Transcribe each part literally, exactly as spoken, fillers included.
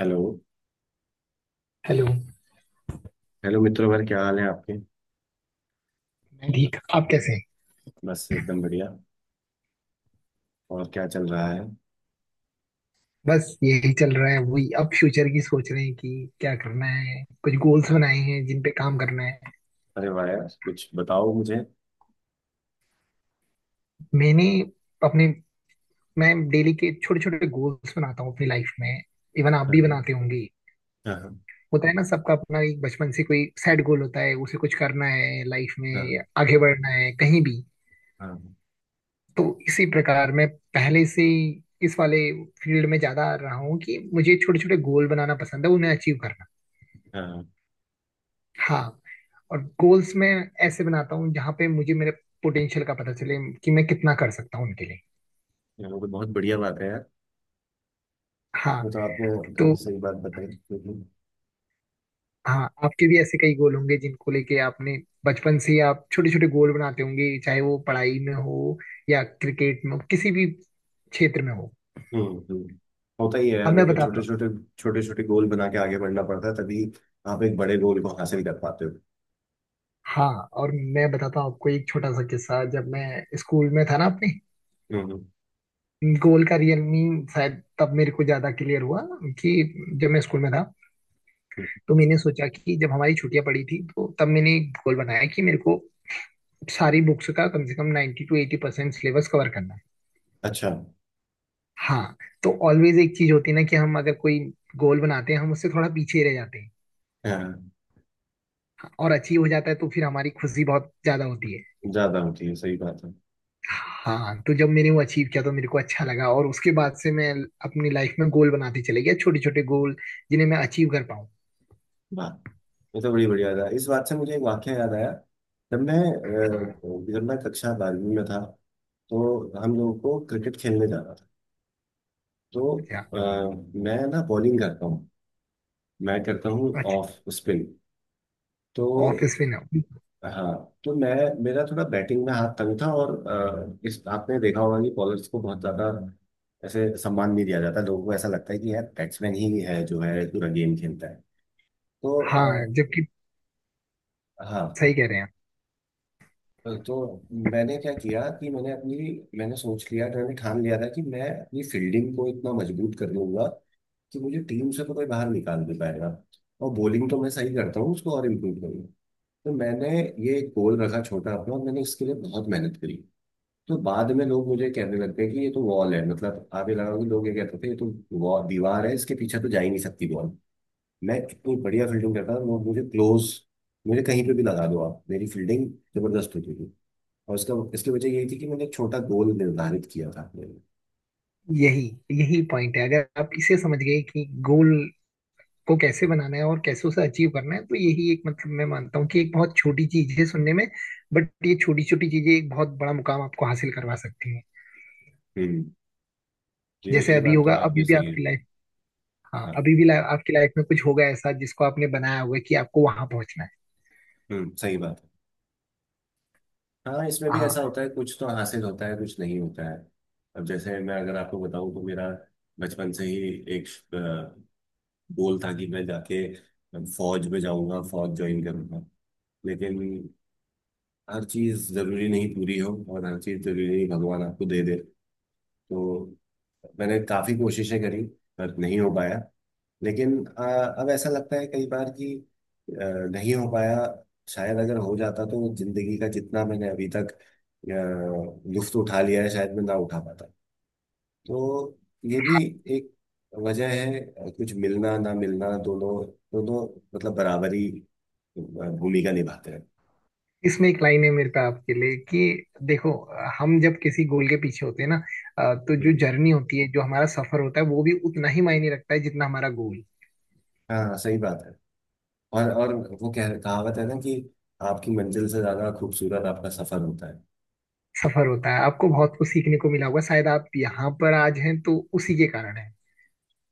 Hello. Hello. मैं hello मित्रों भर, क्या हाल है आपके। ठीक। आप कैसे हैं? बस एकदम बढ़िया। और क्या चल रहा है। बस यही चल रहा है, वही अब फ्यूचर की सोच रहे हैं कि क्या करना है। कुछ गोल्स बनाए हैं जिन पे काम करना है। अरे वाह यार, कुछ बताओ मुझे। मैंने अपने मैं डेली के छोटे छोटे गोल्स बनाता हूँ अपनी लाइफ में। इवन आप हाँ भी हाँ। बनाते होंगे। हाँ। होता है ना, सबका अपना एक बचपन से कोई सेट गोल होता है, उसे कुछ करना है, लाइफ में हाँ। आगे बढ़ना है कहीं भी। हाँ। तो इसी प्रकार मैं पहले से ही इस वाले फील्ड में ज्यादा रहा हूँ कि मुझे छोटे छोटे गोल बनाना पसंद है, उन्हें अचीव करना। हाँ, हाँ। और गोल्स मैं ऐसे बनाता हूँ जहाँ पे मुझे मेरे पोटेंशियल का पता चले कि मैं कितना कर सकता हूँ उनके लिए। ये तो बहुत बढ़िया बात है यार। हाँ। वो तो आपने काफी तो सही बात बताई, लेकिन हाँ, आपके भी ऐसे कई गोल होंगे जिनको लेके आपने बचपन से ही आप छोटे छोटे गोल बनाते होंगे, चाहे वो पढ़ाई में हो या क्रिकेट में हो, किसी भी क्षेत्र में हो। हम्म हम्म, होता ही है अब यार। वो मैं तो बताता छोटे हूँ छोटे छोटे छोटे गोल बना के आगे बढ़ना पड़ता है, तभी आप एक बड़े गोल को हासिल कर पाते हो। हाँ, और मैं बताता हूँ आपको एक छोटा सा किस्सा। जब मैं स्कूल में था ना, अपने हम्म। हम्म। गोल का रियल मीन शायद तब मेरे को ज्यादा क्लियर हुआ। कि जब मैं स्कूल में था, हम्म। तो मैंने सोचा कि जब हमारी छुट्टियां पड़ी थी, तो तब मैंने एक गोल बनाया कि मेरे को सारी बुक्स का कम से कम ninety two eighty percent syllabus cover करना है। अच्छा। हाँ। तो ऑलवेज एक चीज होती है ना कि हम अगर कोई गोल बनाते हैं, हम उससे थोड़ा पीछे ही रह जाते हैं, हाँ। और अचीव हो जाता है तो फिर हमारी खुशी बहुत ज्यादा होती है। ज्यादा होती है, सही बात है। हाँ। तो जब मैंने वो अचीव किया तो मेरे को अच्छा लगा, और उसके बाद से मैं अपनी लाइफ में गोल बनाते चले गया, छोटे छोटे गोल जिन्हें मैं अचीव कर पाऊँ। वाह, ये तो बड़ी बढ़िया था। इस बात से मुझे एक वाक्य याद आया। जब मैं हाँ। अ, जब मैं कक्षा बारहवीं में था, तो हम लोगों को क्रिकेट खेलने जाना था। तो अच्छा। अ, मैं ना बॉलिंग करता हूँ, मैं करता हूँ अच्छा, ऑफ स्पिन। तो ऑफिस में ना। हाँ। तो मैं मेरा थोड़ा बैटिंग में हाथ तंग था, और अ, इस आपने देखा होगा कि बॉलर्स को बहुत ज्यादा ऐसे सम्मान नहीं दिया जाता। लोगों को ऐसा लगता है कि यार बैट्समैन ही है जो है पूरा गेम खेलता है। तो आ, हाँ, जबकि हाँ, सही कह रहे हैं। तो मैंने क्या किया कि मैंने अपनी मैंने सोच लिया था, मैंने ठान लिया था कि मैं अपनी फील्डिंग को इतना मजबूत कर लूंगा कि मुझे टीम से तो कोई बाहर निकाल नहीं पाएगा, और बॉलिंग तो मैं सही करता हूँ, उसको और इम्प्रूव करूंगा। तो मैंने ये एक गोल रखा छोटा अपना, और मैंने इसके लिए बहुत मेहनत करी। तो बाद में लोग मुझे कहने लग गए कि ये तो वॉल है। मतलब आप ये लगाओ कि लोग ये कहते थे ये तो wall- दीवार है, इसके पीछे तो जा ही नहीं सकती बॉल। मैं इतनी बढ़िया फील्डिंग करता था। लोग मुझे क्लोज मुझे कहीं पे भी लगा दो आप, मेरी फील्डिंग जबरदस्त होती थी। और उसका इसकी वजह यही थी कि मैंने एक छोटा गोल निर्धारित किया था अपने लिए। यही यही पॉइंट है, अगर आप इसे समझ गए कि गोल को कैसे बनाना है और कैसे उसे अचीव करना है, तो यही एक, मतलब, मैं मानता हूँ कि एक बहुत छोटी चीज है सुनने में, बट ये छोटी छोटी चीजें एक बहुत बड़ा मुकाम आपको हासिल करवा सकती है। हम्म। ये जैसे ये अभी बात तो होगा, आपकी अभी भी सही है। आपकी लाइफ, हाँ हाँ। अभी भी लाइफ आपकी लाइफ में कुछ होगा ऐसा जिसको आपने बनाया होगा कि आपको वहां पहुंचना है। हम्म, सही बात है। हाँ, इसमें भी हाँ। ऐसा होता है, कुछ तो हासिल होता है, कुछ नहीं होता है। अब जैसे मैं अगर आपको बताऊं, तो मेरा बचपन से ही एक अ, गोल था कि मैं जाके फौज में जाऊंगा, फौज ज्वाइन करूंगा। लेकिन हर चीज जरूरी नहीं पूरी हो, और हर चीज जरूरी नहीं भगवान आपको दे दे। तो मैंने काफ़ी कोशिशें करी, पर नहीं हो पाया। लेकिन अ, अब ऐसा लगता है कई बार कि अ, नहीं हो पाया। शायद अगर हो जाता, तो जिंदगी का जितना मैंने अभी तक अ, लुत्फ उठा लिया है, शायद मैं ना उठा पाता। तो ये भी एक वजह है। अ, कुछ मिलना ना मिलना, दोनों दोनों मतलब बराबरी अ, भूमिका निभाते हैं। इसमें एक लाइन है मेरे पे आपके लिए, कि देखो, हम जब किसी गोल के पीछे होते हैं ना, अ, तो जो हम्म। जर्नी होती है, जो हमारा सफर होता है, वो भी उतना ही मायने रखता है जितना हमारा गोल। हाँ सही बात है। और और वो कह कहावत है ना कि आपकी मंजिल से ज्यादा खूबसूरत आपका सफर होता है। सफर होता है, आपको बहुत कुछ सीखने को मिला होगा, शायद आप यहाँ पर आज हैं तो उसी के कारण है।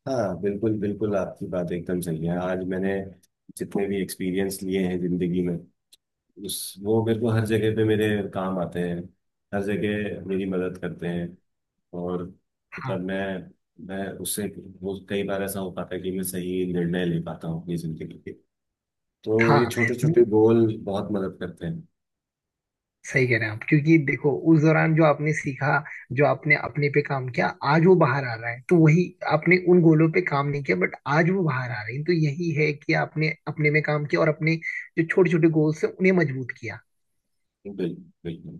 हाँ बिल्कुल बिल्कुल, आपकी बात एकदम सही है। आज मैंने जितने भी एक्सपीरियंस लिए हैं जिंदगी में, उस वो मेरे को हर जगह पे मेरे काम आते हैं, हर जगह मेरी मदद करते हैं। और हाँ, मतलब मैं मैं उससे, वो कई बार ऐसा हो पाता है कि मैं सही निर्णय ले पाता हूँ अपनी जिंदगी के। तो ये हाँ। छोटे छोटे वो गोल बहुत मदद करते हैं। सही कह रहे हैं आप, क्योंकि देखो उस दौरान जो आपने सीखा, जो आपने अपने पे काम किया, आज वो बाहर आ रहा है, तो वही। आपने उन गोलों पे काम नहीं किया बट आज वो बाहर आ रहे हैं, तो यही है कि आपने अपने में काम किया, और अपने जो छोटे छोटे गोल्स हैं उन्हें मजबूत किया। बिल्कुल बिल्कुल,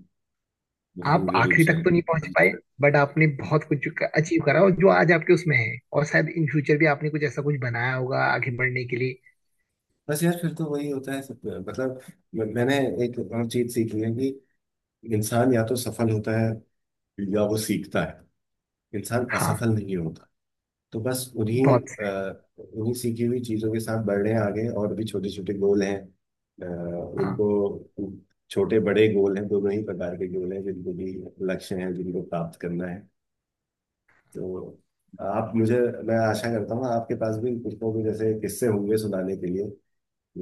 आप पूर्ण रूप आखिरी से। तक तो नहीं पहुंच पाए, बट आपने बहुत कुछ अचीव करा, और जो आज आपके उसमें है, और शायद इन फ्यूचर भी आपने कुछ ऐसा कुछ बनाया होगा आगे बढ़ने के लिए। बस यार, फिर तो वही होता है सब। मतलब म- मैंने एक और चीज सीखी है कि इंसान या तो सफल होता है, या वो सीखता है, इंसान हाँ। असफल नहीं होता। तो बस उन्हीं बहुत से, अ, उन्हीं सीखी हुई चीजों के साथ बढ़ रहे हैं आगे। और भी छोटे छोटे गोल हैं। अ, हाँ। उनको छोटे बड़े गोल हैं, दोनों ही प्रकार के गोल हैं, जिनको भी लक्ष्य हैं, जिनको प्राप्त करना है। तो आप मुझे मैं आशा करता हूँ आपके पास भी कुछ ना कुछ ऐसे किस्से होंगे सुनाने के लिए,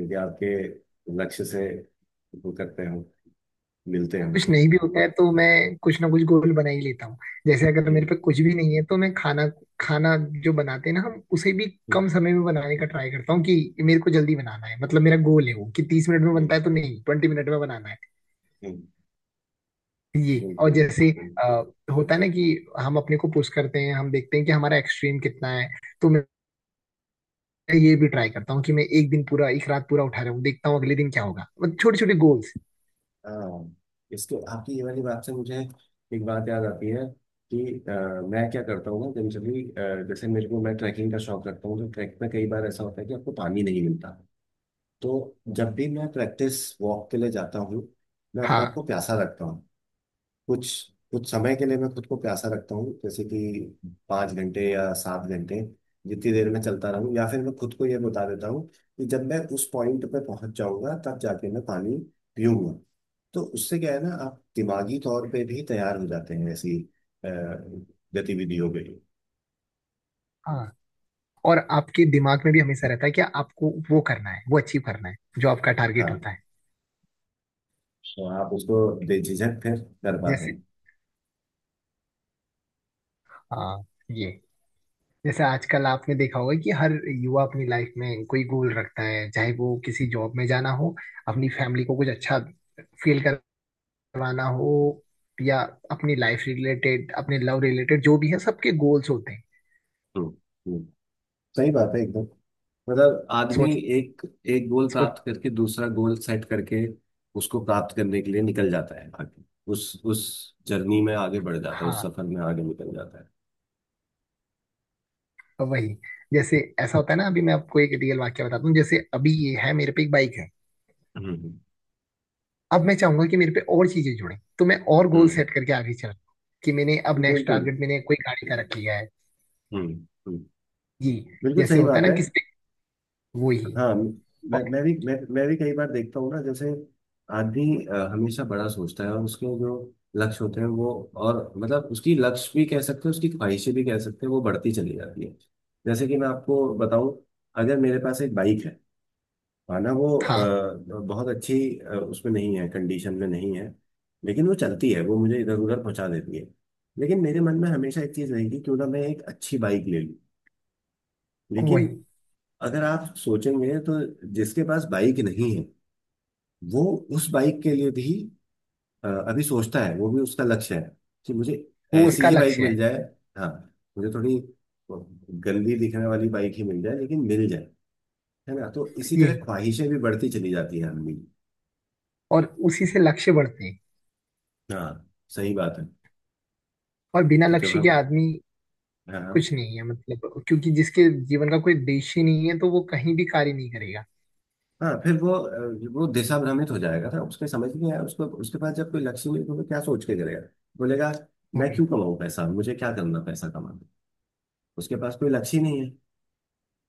यदि आपके लक्ष्य से वो करते हो, मिलते हो। कुछ नहीं भी होता है तो मैं कुछ ना कुछ गोल बना ही लेता हूँ। जैसे अगर मेरे हम्म। पे कुछ भी नहीं है, तो मैं खाना खाना जो बनाते हैं ना हम, उसे भी हम्म। कम समय में बनाने का ट्राई करता हूँ, कि मेरे को जल्दी बनाना है। मतलब मेरा गोल है वो कि तीस मिनट में बनता हम्म। है तो नहीं, ट्वेंटी मिनट में बनाना है। हम्म, ये, और बिल्कुल जैसे बिल्कुल। अ, होता है ना कि हम अपने को पुश करते हैं, हम देखते हैं कि हमारा एक्सट्रीम कितना है। तो मैं ये भी ट्राई करता हूँ कि मैं एक दिन पूरा, एक रात पूरा उठा रहा हूँ, देखता हूँ अगले दिन क्या होगा। मतलब छोटे छोटे गोल्स। हाँ, इसके आपकी ये वाली बात से मुझे एक बात याद आती है कि अ, मैं क्या करता हूँ ना जनरली। जैसे मेरे को मैं ट्रैकिंग का शौक रखता हूँ, तो ट्रैक में कई बार ऐसा होता है कि आपको पानी नहीं मिलता। तो जब भी मैं प्रैक्टिस वॉक के लिए जाता हूँ, मैं अपने आप हाँ, को प्यासा रखता हूँ। कुछ कुछ समय के लिए मैं खुद को प्यासा रखता हूँ, जैसे कि पाँच घंटे या सात घंटे, जितनी देर में चलता रहूँ। या फिर मैं खुद को ये बता देता हूँ कि जब मैं उस पॉइंट पे पहुंच जाऊंगा, तब जाके मैं पानी पीऊंगा। तो उससे क्या है ना, आप दिमागी तौर पे भी तैयार हो जाते हैं। ऐसी अ, गतिविधि हो गई। हाँ। और आपके दिमाग में भी हमेशा रहता है कि आपको वो करना है, वो अचीव करना है, जो आपका टारगेट हाँ। होता है। तो आप उसको बेझिझक फिर कर पाते जैसे, हैं। हाँ, ये, जैसे आजकल आपने देखा होगा कि हर युवा अपनी लाइफ में कोई गोल रखता है, चाहे वो किसी जॉब में जाना हो, अपनी फैमिली को कुछ अच्छा फील करवाना हो, या अपनी लाइफ रिलेटेड, अपने लव रिलेटेड, जो भी है, सबके गोल्स होते हैं। हम्म। हम्म। सही बात है एकदम। मतलब आदमी सोच एक एक गोल सोच प्राप्त करके, दूसरा गोल सेट करके उसको प्राप्त करने के लिए निकल जाता है आगे। उस उस जर्नी में आगे बढ़ जाता है, उस हाँ, सफर में आगे निकल जाता है। तो वही, जैसे ऐसा होता है ना, अभी मैं आपको एक रियल वाक्य बताता हूँ। जैसे अभी ये है, मेरे पे एक बाइक है। हम्म। अब मैं चाहूंगा कि मेरे पे और चीजें जुड़े, तो मैं और गोल हम्म। सेट करके आगे चल रहा हूं कि मैंने अब नेक्स्ट बिल्कुल। टारगेट, मैंने कोई गाड़ी का रख लिया है। हम्म। हम्म। ये बिल्कुल जैसे सही होता है बात ना, है। किसी पे, वो ही। हाँ, मैं और मैं भी मैं, मैं भी कई बार देखता हूँ ना। जैसे आदमी अ, हमेशा बड़ा सोचता है, और उसके जो लक्ष्य होते हैं वो, और मतलब उसकी लक्ष्य भी कह सकते हैं, उसकी ख्वाहिशें भी कह सकते हैं, वो बढ़ती चली जाती है। जैसे कि मैं आपको बताऊं, अगर मेरे पास एक बाइक है, माना वो था अ, बहुत अच्छी अ, उसमें नहीं है, कंडीशन में नहीं है, लेकिन वो चलती है, वो मुझे इधर उधर पहुंचा देती है। लेकिन मेरे मन में हमेशा एक चीज रहेगी, क्यों ना मैं एक अच्छी बाइक ले लूं। वही, लेकिन अगर आप सोचेंगे, तो जिसके पास बाइक नहीं है, वो उस बाइक के लिए भी अ, अभी सोचता है, वो भी उसका लक्ष्य है कि मुझे वो ऐसी उसका ही बाइक लक्ष्य मिल है, जाए। हाँ, मुझे थोड़ी गंदी दिखने वाली बाइक ही मिल जाए, लेकिन मिल जाए, है ना। तो इसी यही। तरह ख्वाहिशें भी बढ़ती चली जाती हैं आदमी की। और उसी से लक्ष्य बढ़ते हैं। हाँ सही बात है। और बिना तो जब लक्ष्य के हम आदमी हाँ। हाँ। कुछ नहीं है, मतलब, क्योंकि जिसके जीवन का कोई उद्देश्य नहीं है, तो वो कहीं भी कार्य नहीं करेगा। हाँ, फिर वो अ, वो दिशा भ्रमित हो जाएगा ना। उसके समझ नहीं आया, उसको उसके पास जब कोई लक्ष्य नहीं है, तो वो क्या सोच के करेगा, बोलेगा मैं क्यों कमाऊँ पैसा, मुझे क्या करना पैसा कमा। उसके पास कोई लक्ष्य ही नहीं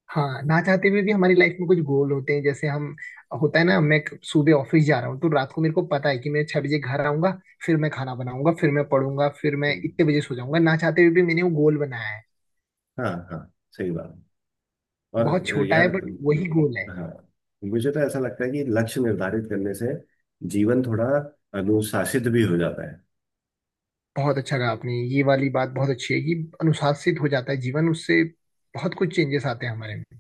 हाँ, ना चाहते हुए भी हमारी लाइफ में कुछ गोल होते हैं। जैसे हम, होता है ना, मैं सुबह ऑफिस जा रहा हूँ तो रात को मेरे को पता है कि मैं छह बजे घर आऊंगा, फिर मैं खाना बनाऊंगा, फिर मैं पढ़ूंगा, फिर है। मैं इतने बजे सो जाऊंगा। ना चाहते हुए भी मैंने वो गोल बनाया है। हाँ। हाँ सही बात। और बहुत अ, छोटा है, यार, बट वही गोल है। हाँ, मुझे तो ऐसा लगता है कि लक्ष्य निर्धारित करने से जीवन थोड़ा अनुशासित भी हो जाता है। बहुत अच्छा कहा आपने, ये वाली बात बहुत अच्छी है, कि अनुशासित हो जाता है जीवन उससे, बहुत कुछ चेंजेस आते हैं हमारे में।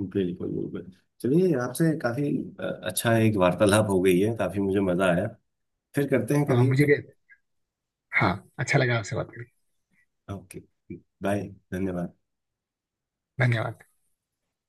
बिल्कुल बिल्कुल। चलिए, आपसे काफी अ, अच्छा एक वार्तालाप हो गई है, काफी मुझे मजा आया, फिर करते हैं हाँ, कभी। मुझे भी। हाँ, अच्छा लगा आपसे बात करके। Okay, bye. धन्यवाद। धन्यवाद।